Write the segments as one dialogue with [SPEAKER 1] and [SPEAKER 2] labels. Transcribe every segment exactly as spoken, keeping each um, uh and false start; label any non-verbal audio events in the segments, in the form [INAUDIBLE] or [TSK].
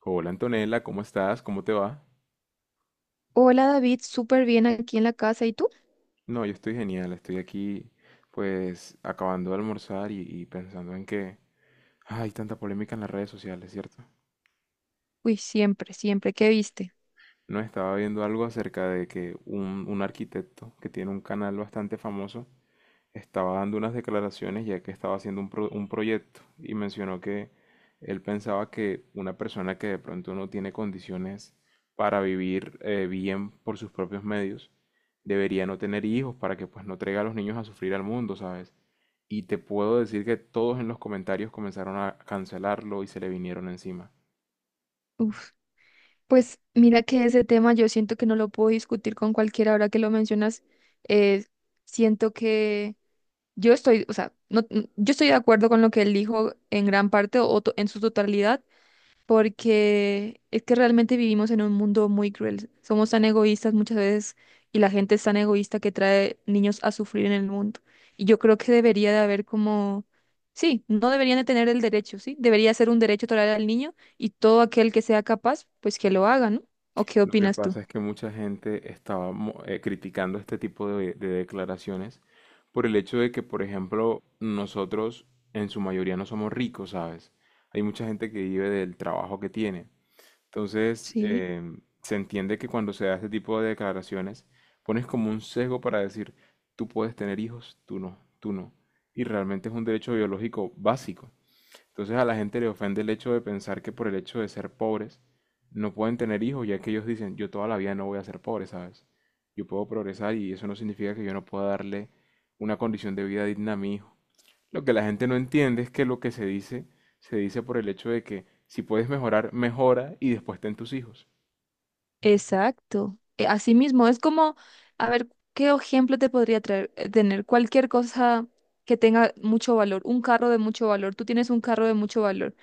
[SPEAKER 1] Hola Antonella, ¿cómo estás? ¿Cómo te va?
[SPEAKER 2] Hola David, súper bien aquí en la casa. ¿Y tú?
[SPEAKER 1] No, yo estoy genial, estoy aquí pues acabando de almorzar y, y pensando en que hay tanta polémica en las redes sociales, ¿cierto?
[SPEAKER 2] Uy, siempre, siempre. ¿Qué viste?
[SPEAKER 1] No, estaba viendo algo acerca de que un, un arquitecto que tiene un canal bastante famoso estaba dando unas declaraciones ya que estaba haciendo un, pro- un proyecto y mencionó que él pensaba que una persona que de pronto no tiene condiciones para vivir eh, bien por sus propios medios debería no tener hijos para que pues no traiga a los niños a sufrir al mundo, ¿sabes? Y te puedo decir que todos en los comentarios comenzaron a cancelarlo y se le vinieron encima.
[SPEAKER 2] Uf, pues mira que ese tema yo siento que no lo puedo discutir con cualquiera ahora que lo mencionas. eh, Siento que yo estoy, o sea, no, n- yo estoy de acuerdo con lo que él dijo en gran parte o to- en su totalidad, porque es que realmente vivimos en un mundo muy cruel. Somos tan egoístas muchas veces y la gente es tan egoísta que trae niños a sufrir en el mundo. Y yo creo que debería de haber como, sí, no deberían de tener el derecho, sí, debería ser un derecho total al niño y todo aquel que sea capaz, pues que lo haga, ¿no? ¿O qué
[SPEAKER 1] Lo que
[SPEAKER 2] opinas tú?
[SPEAKER 1] pasa es que mucha gente estaba mo- eh, criticando este tipo de, de declaraciones por el hecho de que, por ejemplo, nosotros en su mayoría no somos ricos, ¿sabes? Hay mucha gente que vive del trabajo que tiene. Entonces,
[SPEAKER 2] Sí,
[SPEAKER 1] em, se entiende que cuando se da este tipo de declaraciones, pones como un sesgo para decir, tú puedes tener hijos, tú no, tú no. Y realmente es un derecho biológico básico. Entonces a la gente le ofende el hecho de pensar que por el hecho de ser pobres no pueden tener hijos, ya que ellos dicen, yo toda la vida no voy a ser pobre, ¿sabes? Yo puedo progresar y eso no significa que yo no pueda darle una condición de vida digna a mi hijo. Lo que la gente no entiende es que lo que se dice, se dice por el hecho de que si puedes mejorar, mejora y después ten tus hijos.
[SPEAKER 2] exacto. Eh, Así mismo, es como, a ver, ¿qué ejemplo te podría traer, eh, tener? Cualquier cosa que tenga mucho valor, un carro de mucho valor, tú tienes un carro de mucho valor.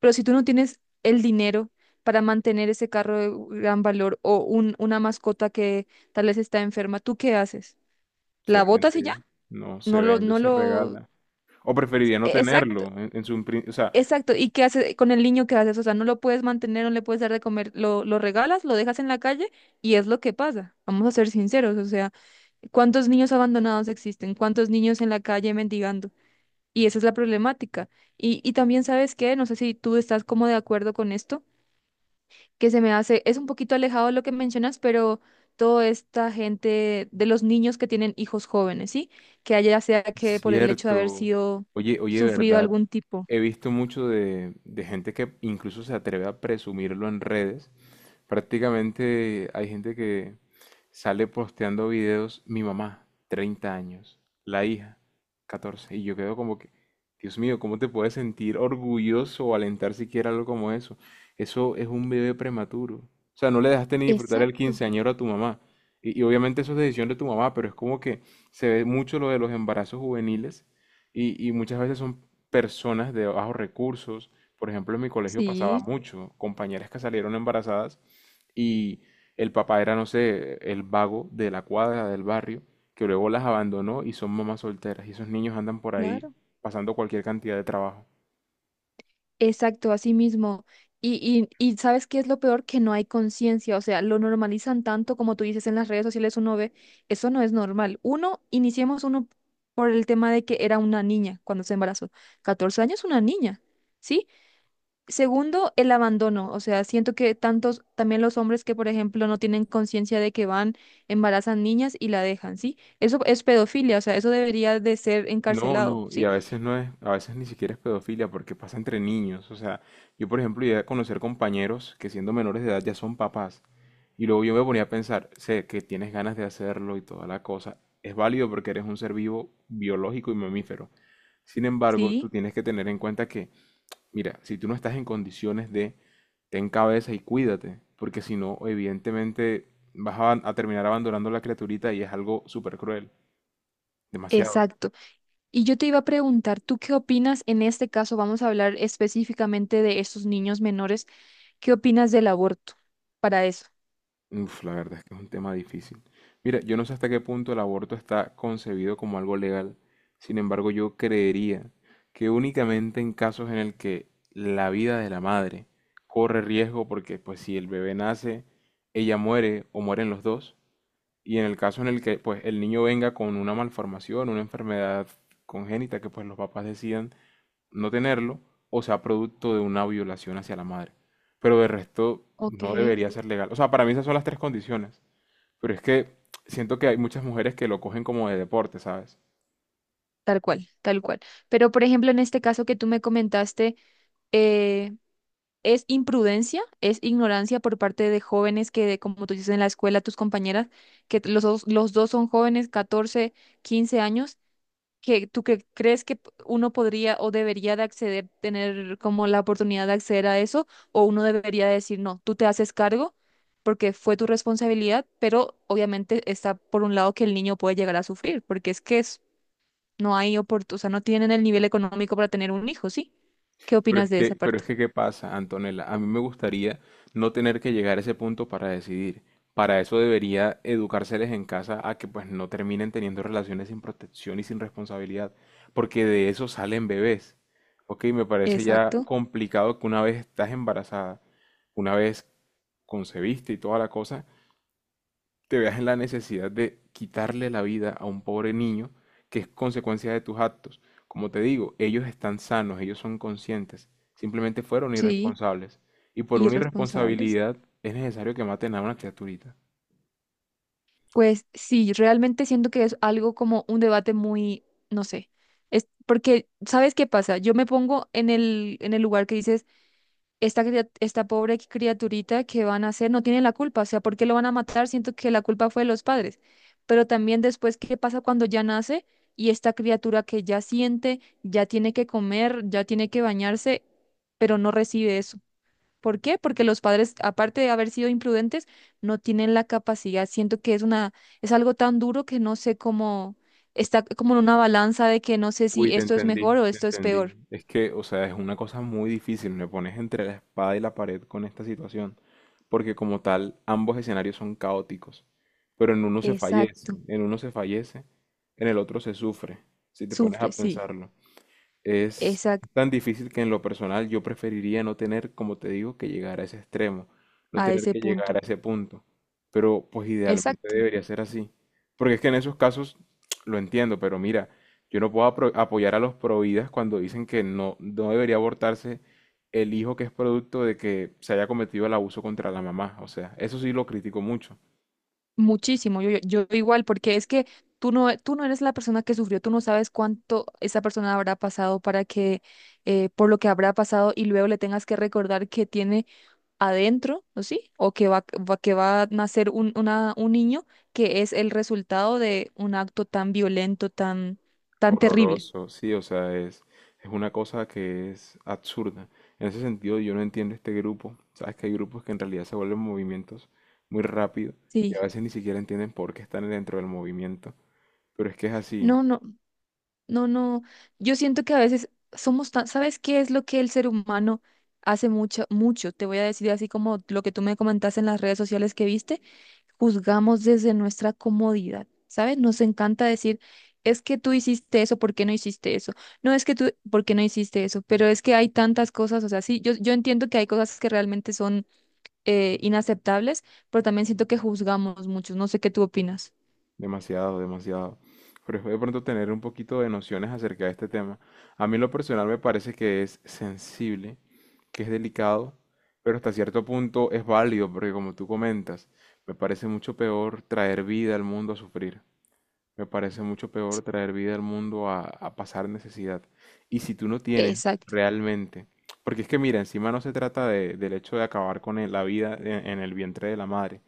[SPEAKER 2] Pero si tú no tienes el dinero para mantener ese carro de gran valor o un, una mascota que tal vez está enferma, ¿tú qué haces?
[SPEAKER 1] Se
[SPEAKER 2] ¿La botas y ya?
[SPEAKER 1] vende, no se
[SPEAKER 2] No lo,
[SPEAKER 1] vende,
[SPEAKER 2] no
[SPEAKER 1] se
[SPEAKER 2] lo...
[SPEAKER 1] regala. O preferiría no
[SPEAKER 2] e- Exacto,
[SPEAKER 1] tenerlo. En, en su, pri- o sea,
[SPEAKER 2] exacto. ¿Y qué haces con el niño? ¿Qué haces? O sea, no lo puedes mantener, no le puedes dar de comer, lo, lo regalas, lo dejas en la calle y es lo que pasa. Vamos a ser sinceros, o sea, ¿cuántos niños abandonados existen? ¿Cuántos niños en la calle mendigando? Y esa es la problemática. Y, y también, ¿sabes qué? No sé si tú estás como de acuerdo con esto que se me hace, es un poquito alejado de lo que mencionas, pero toda esta gente de los niños que tienen hijos jóvenes, ¿sí? Que haya sea que por el hecho de haber
[SPEAKER 1] cierto.
[SPEAKER 2] sido
[SPEAKER 1] Oye, oye,
[SPEAKER 2] sufrido
[SPEAKER 1] ¿verdad?
[SPEAKER 2] algún tipo.
[SPEAKER 1] He visto mucho de, de gente que incluso se atreve a presumirlo en redes. Prácticamente hay gente que sale posteando videos, mi mamá, treinta años, la hija, catorce, y yo quedo como que, Dios mío, ¿cómo te puedes sentir orgulloso o alentar siquiera algo como eso? Eso es un bebé prematuro. O sea, no le dejaste ni disfrutar el
[SPEAKER 2] Exacto,
[SPEAKER 1] quinceañero a tu mamá. Y, y obviamente eso es decisión de tu mamá, pero es como que se ve mucho lo de los embarazos juveniles y, y muchas veces son personas de bajos recursos. Por ejemplo, en mi colegio pasaba
[SPEAKER 2] sí,
[SPEAKER 1] mucho, compañeras que salieron embarazadas y el papá era, no sé, el vago de la cuadra, del barrio, que luego las abandonó y son mamás solteras. Y esos niños andan por ahí
[SPEAKER 2] claro.
[SPEAKER 1] pasando cualquier cantidad de trabajo.
[SPEAKER 2] Exacto, así mismo. Y, y, y ¿sabes qué es lo peor? Que no hay conciencia, o sea, lo normalizan tanto como tú dices en las redes sociales, uno ve, eso no es normal. Uno, iniciemos uno por el tema de que era una niña cuando se embarazó. Catorce años, una niña, ¿sí? Segundo, el abandono. O sea, siento que tantos, también los hombres que, por ejemplo, no tienen conciencia de que van, embarazan niñas y la dejan, ¿sí? Eso es pedofilia, o sea, eso debería de ser
[SPEAKER 1] No,
[SPEAKER 2] encarcelado,
[SPEAKER 1] no, y
[SPEAKER 2] ¿sí?
[SPEAKER 1] a veces no es, a veces ni siquiera es pedofilia porque pasa entre niños. O sea, yo por ejemplo llegué a conocer compañeros que siendo menores de edad ya son papás. Y luego yo me ponía a pensar, sé que tienes ganas de hacerlo y toda la cosa. Es válido porque eres un ser vivo biológico y mamífero. Sin embargo, tú
[SPEAKER 2] Sí,
[SPEAKER 1] tienes que tener en cuenta que mira, si tú no estás en condiciones de ten cabeza y cuídate, porque si no, evidentemente vas a, a terminar abandonando la criaturita y es algo súper cruel, demasiado.
[SPEAKER 2] exacto. Y yo te iba a preguntar, ¿tú qué opinas en este caso? Vamos a hablar específicamente de estos niños menores. ¿Qué opinas del aborto para eso?
[SPEAKER 1] Uf, la verdad es que es un tema difícil. Mira, yo no sé hasta qué punto el aborto está concebido como algo legal, sin embargo, yo creería que únicamente en casos en el que la vida de la madre corre riesgo, porque pues si el bebé nace, ella muere o mueren los dos. Y en el caso en el que pues el niño venga con una malformación, una enfermedad congénita que pues los papás decidan no tenerlo, o sea producto de una violación hacia la madre. Pero de resto
[SPEAKER 2] Ok.
[SPEAKER 1] no debería ser legal. O sea, para mí esas son las tres condiciones. Pero es que siento que hay muchas mujeres que lo cogen como de deporte, ¿sabes?
[SPEAKER 2] Tal cual, tal cual. Pero, por ejemplo, en este caso que tú me comentaste, eh, es imprudencia, es ignorancia por parte de jóvenes que, como tú dices en la escuela, tus compañeras, que los dos, los dos son jóvenes, catorce quince años, que tú cre- crees que p- uno podría o debería de acceder, tener como la oportunidad de acceder a eso, o uno debería decir, no, tú te haces cargo porque fue tu responsabilidad, pero obviamente está por un lado que el niño puede llegar a sufrir, porque es que es- no hay oportunidad, o sea, no tienen el nivel económico para tener un hijo, ¿sí? ¿Qué
[SPEAKER 1] Pero
[SPEAKER 2] opinas
[SPEAKER 1] es
[SPEAKER 2] de esa
[SPEAKER 1] que, pero es
[SPEAKER 2] parte?
[SPEAKER 1] que, ¿qué pasa, Antonella? A mí me gustaría no tener que llegar a ese punto para decidir. Para eso debería educárseles en casa a que pues no terminen teniendo relaciones sin protección y sin responsabilidad, porque de eso salen bebés. Ok, me parece ya
[SPEAKER 2] Exacto.
[SPEAKER 1] complicado que una vez estás embarazada, una vez concebiste y toda la cosa, te veas en la necesidad de quitarle la vida a un pobre niño que es consecuencia de tus actos. Como te digo, ellos están sanos, ellos son conscientes, simplemente fueron
[SPEAKER 2] Sí.
[SPEAKER 1] irresponsables. Y por una
[SPEAKER 2] Irresponsables.
[SPEAKER 1] irresponsabilidad es necesario que maten a una criaturita.
[SPEAKER 2] Pues sí, realmente siento que es algo como un debate muy, no sé, es porque, ¿sabes qué pasa? Yo me pongo en el, en el lugar que dices, esta, cria- esta pobre criaturita que van a hacer no tiene la culpa, o sea, ¿por qué lo van a matar? Siento que la culpa fue de los padres, pero también después, ¿qué pasa cuando ya nace y esta criatura que ya siente, ya tiene que comer, ya tiene que bañarse, pero no recibe eso? ¿Por qué? Porque los padres, aparte de haber sido imprudentes, no tienen la capacidad. Siento que es una, es algo tan duro que no sé cómo, está como en una balanza de que no sé
[SPEAKER 1] Uy,
[SPEAKER 2] si
[SPEAKER 1] te
[SPEAKER 2] esto es
[SPEAKER 1] entendí,
[SPEAKER 2] mejor o
[SPEAKER 1] te
[SPEAKER 2] esto es peor.
[SPEAKER 1] entendí. Es que, o sea, es una cosa muy difícil, me pones entre la espada y la pared con esta situación, porque como tal, ambos escenarios son caóticos, pero en uno se fallece,
[SPEAKER 2] Exacto.
[SPEAKER 1] en uno se fallece, en el otro se sufre, si te pones
[SPEAKER 2] Sufre,
[SPEAKER 1] a
[SPEAKER 2] sí.
[SPEAKER 1] pensarlo. Es
[SPEAKER 2] Exacto.
[SPEAKER 1] tan difícil que en lo personal yo preferiría no tener, como te digo, que llegar a ese extremo, no
[SPEAKER 2] A
[SPEAKER 1] tener
[SPEAKER 2] ese
[SPEAKER 1] que llegar a
[SPEAKER 2] punto.
[SPEAKER 1] ese punto. Pero pues idealmente
[SPEAKER 2] Exacto.
[SPEAKER 1] debería ser así. Porque es que en esos casos [TSK] lo entiendo, pero mira, yo no puedo apro- apoyar a los providas cuando dicen que no, no debería abortarse el hijo que es producto de que se haya cometido el abuso contra la mamá. O sea, eso sí lo critico mucho.
[SPEAKER 2] Muchísimo. Yo, yo, yo igual, porque es que tú no, tú no eres la persona que sufrió, tú no sabes cuánto esa persona habrá pasado para que, eh, por lo que habrá pasado y luego le tengas que recordar que tiene adentro, ¿no sí? O que va, va- que va a nacer un, una- un niño que es el resultado de un acto tan violento, tan, tan terrible.
[SPEAKER 1] Horroroso, sí, o sea, es, es una cosa que es absurda. En ese sentido, yo no entiendo este grupo. Sabes que hay grupos que en realidad se vuelven movimientos muy rápido y a
[SPEAKER 2] Sí.
[SPEAKER 1] veces ni siquiera entienden por qué están dentro del movimiento. Pero es que es así,
[SPEAKER 2] No, no, no, no. Yo siento que a veces somos tan, ¿sabes qué es lo que el ser humano hace mucho, mucho? Te voy a decir así como lo que tú me comentaste en las redes sociales que viste, juzgamos desde nuestra comodidad, ¿sabes? Nos encanta decir, es que tú hiciste eso, ¿por qué no hiciste eso? No es que tú, ¿por qué no hiciste eso? Pero es que hay tantas cosas, o sea, sí, yo, yo entiendo que hay cosas que realmente son eh, inaceptables, pero también siento que juzgamos mucho, no sé qué tú opinas.
[SPEAKER 1] demasiado, demasiado. Pero es de pronto tener un poquito de nociones acerca de este tema. A mí en lo personal me parece que es sensible, que es delicado, pero hasta cierto punto es válido, porque como tú comentas, me parece mucho peor traer vida al mundo a sufrir. Me parece mucho peor
[SPEAKER 2] Sí,
[SPEAKER 1] traer vida al mundo a, a pasar necesidad. Y si tú no tienes
[SPEAKER 2] exacto,
[SPEAKER 1] realmente, porque es que mira, encima no se trata de- del hecho de acabar con el- la vida en, en el vientre de la madre.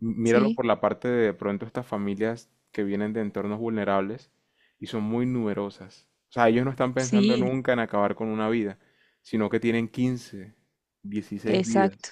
[SPEAKER 1] M- Míralo
[SPEAKER 2] sí,
[SPEAKER 1] por la parte de, de pronto estas familias que vienen de entornos vulnerables y son muy numerosas. O sea, ellos no están pensando
[SPEAKER 2] sí,
[SPEAKER 1] nunca en acabar con una vida, sino que tienen quince, dieciséis vidas.
[SPEAKER 2] exacto.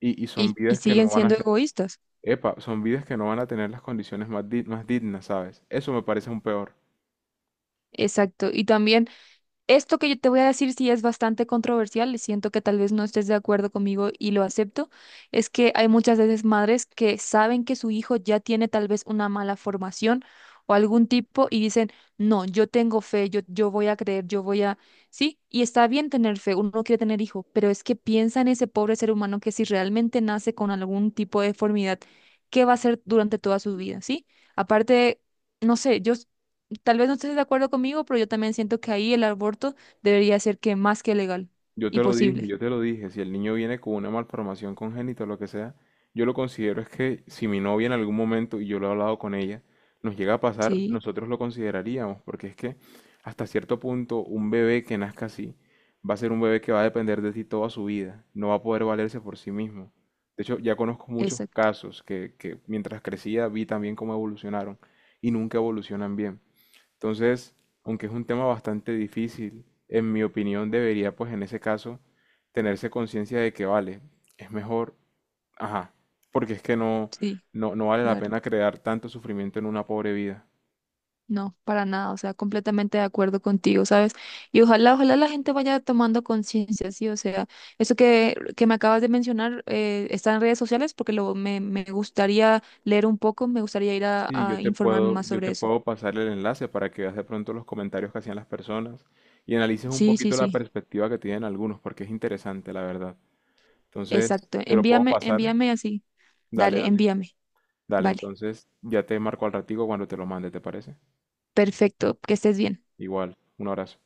[SPEAKER 1] Y, y son
[SPEAKER 2] Y, y
[SPEAKER 1] vidas que
[SPEAKER 2] siguen
[SPEAKER 1] no van a
[SPEAKER 2] siendo
[SPEAKER 1] ser,
[SPEAKER 2] egoístas.
[SPEAKER 1] epa, son vidas que no van a tener las condiciones más, di- más dignas, ¿sabes? Eso me parece un peor.
[SPEAKER 2] Exacto. Y también esto que yo te voy a decir sí es bastante controversial, y siento que tal vez no estés de acuerdo conmigo y lo acepto, es que hay muchas veces madres que saben que su hijo ya tiene tal vez una mala formación o algún tipo y dicen, no, yo tengo fe, yo, yo voy a creer, yo voy a... Sí, y está bien tener fe, uno quiere tener hijo, pero es que piensa en ese pobre ser humano que si realmente nace con algún tipo de deformidad, ¿qué va a hacer durante toda su vida? ¿Sí? Aparte, no sé, yo tal vez no estés de acuerdo conmigo, pero yo también siento que ahí el aborto debería ser que más que legal
[SPEAKER 1] Yo
[SPEAKER 2] y
[SPEAKER 1] te lo dije,
[SPEAKER 2] posible.
[SPEAKER 1] yo te lo dije. Si el niño viene con una malformación congénita o lo que sea, yo lo considero es que si mi novia en algún momento, y yo lo he hablado con ella, nos llega a pasar,
[SPEAKER 2] Sí,
[SPEAKER 1] nosotros lo consideraríamos, porque es que hasta cierto punto un bebé que nazca así va a ser un bebé que va a depender de ti toda su vida, no va a poder valerse por sí mismo. De hecho, ya conozco muchos
[SPEAKER 2] exacto.
[SPEAKER 1] casos que, que mientras crecía vi también cómo evolucionaron y nunca evolucionan bien. Entonces, aunque es un tema bastante difícil, en mi opinión debería, pues en ese caso, tenerse conciencia de que vale, es mejor, ajá, porque es que no,
[SPEAKER 2] Sí,
[SPEAKER 1] no, no vale la
[SPEAKER 2] claro.
[SPEAKER 1] pena crear tanto sufrimiento en una pobre vida.
[SPEAKER 2] No, para nada. O sea, completamente de acuerdo contigo, ¿sabes? Y ojalá, ojalá la gente vaya tomando conciencia, sí. O sea, eso que, que me acabas de mencionar eh, está en redes sociales porque lo, me, me gustaría leer un poco, me gustaría ir a,
[SPEAKER 1] Sí, yo
[SPEAKER 2] a
[SPEAKER 1] te
[SPEAKER 2] informarme
[SPEAKER 1] puedo,
[SPEAKER 2] más
[SPEAKER 1] yo
[SPEAKER 2] sobre
[SPEAKER 1] te
[SPEAKER 2] eso.
[SPEAKER 1] puedo pasar el enlace para que veas de pronto los comentarios que hacían las personas y analices un
[SPEAKER 2] Sí, sí,
[SPEAKER 1] poquito la
[SPEAKER 2] sí.
[SPEAKER 1] perspectiva que tienen algunos, porque es interesante, la verdad. Entonces,
[SPEAKER 2] Exacto.
[SPEAKER 1] te lo puedo
[SPEAKER 2] Envíame,
[SPEAKER 1] pasar.
[SPEAKER 2] envíame así.
[SPEAKER 1] Dale,
[SPEAKER 2] Dale,
[SPEAKER 1] dale.
[SPEAKER 2] envíame.
[SPEAKER 1] Dale,
[SPEAKER 2] Vale.
[SPEAKER 1] entonces ya te marco al ratico cuando te lo mande, ¿te parece?
[SPEAKER 2] Perfecto. Que estés bien.
[SPEAKER 1] Igual, un abrazo.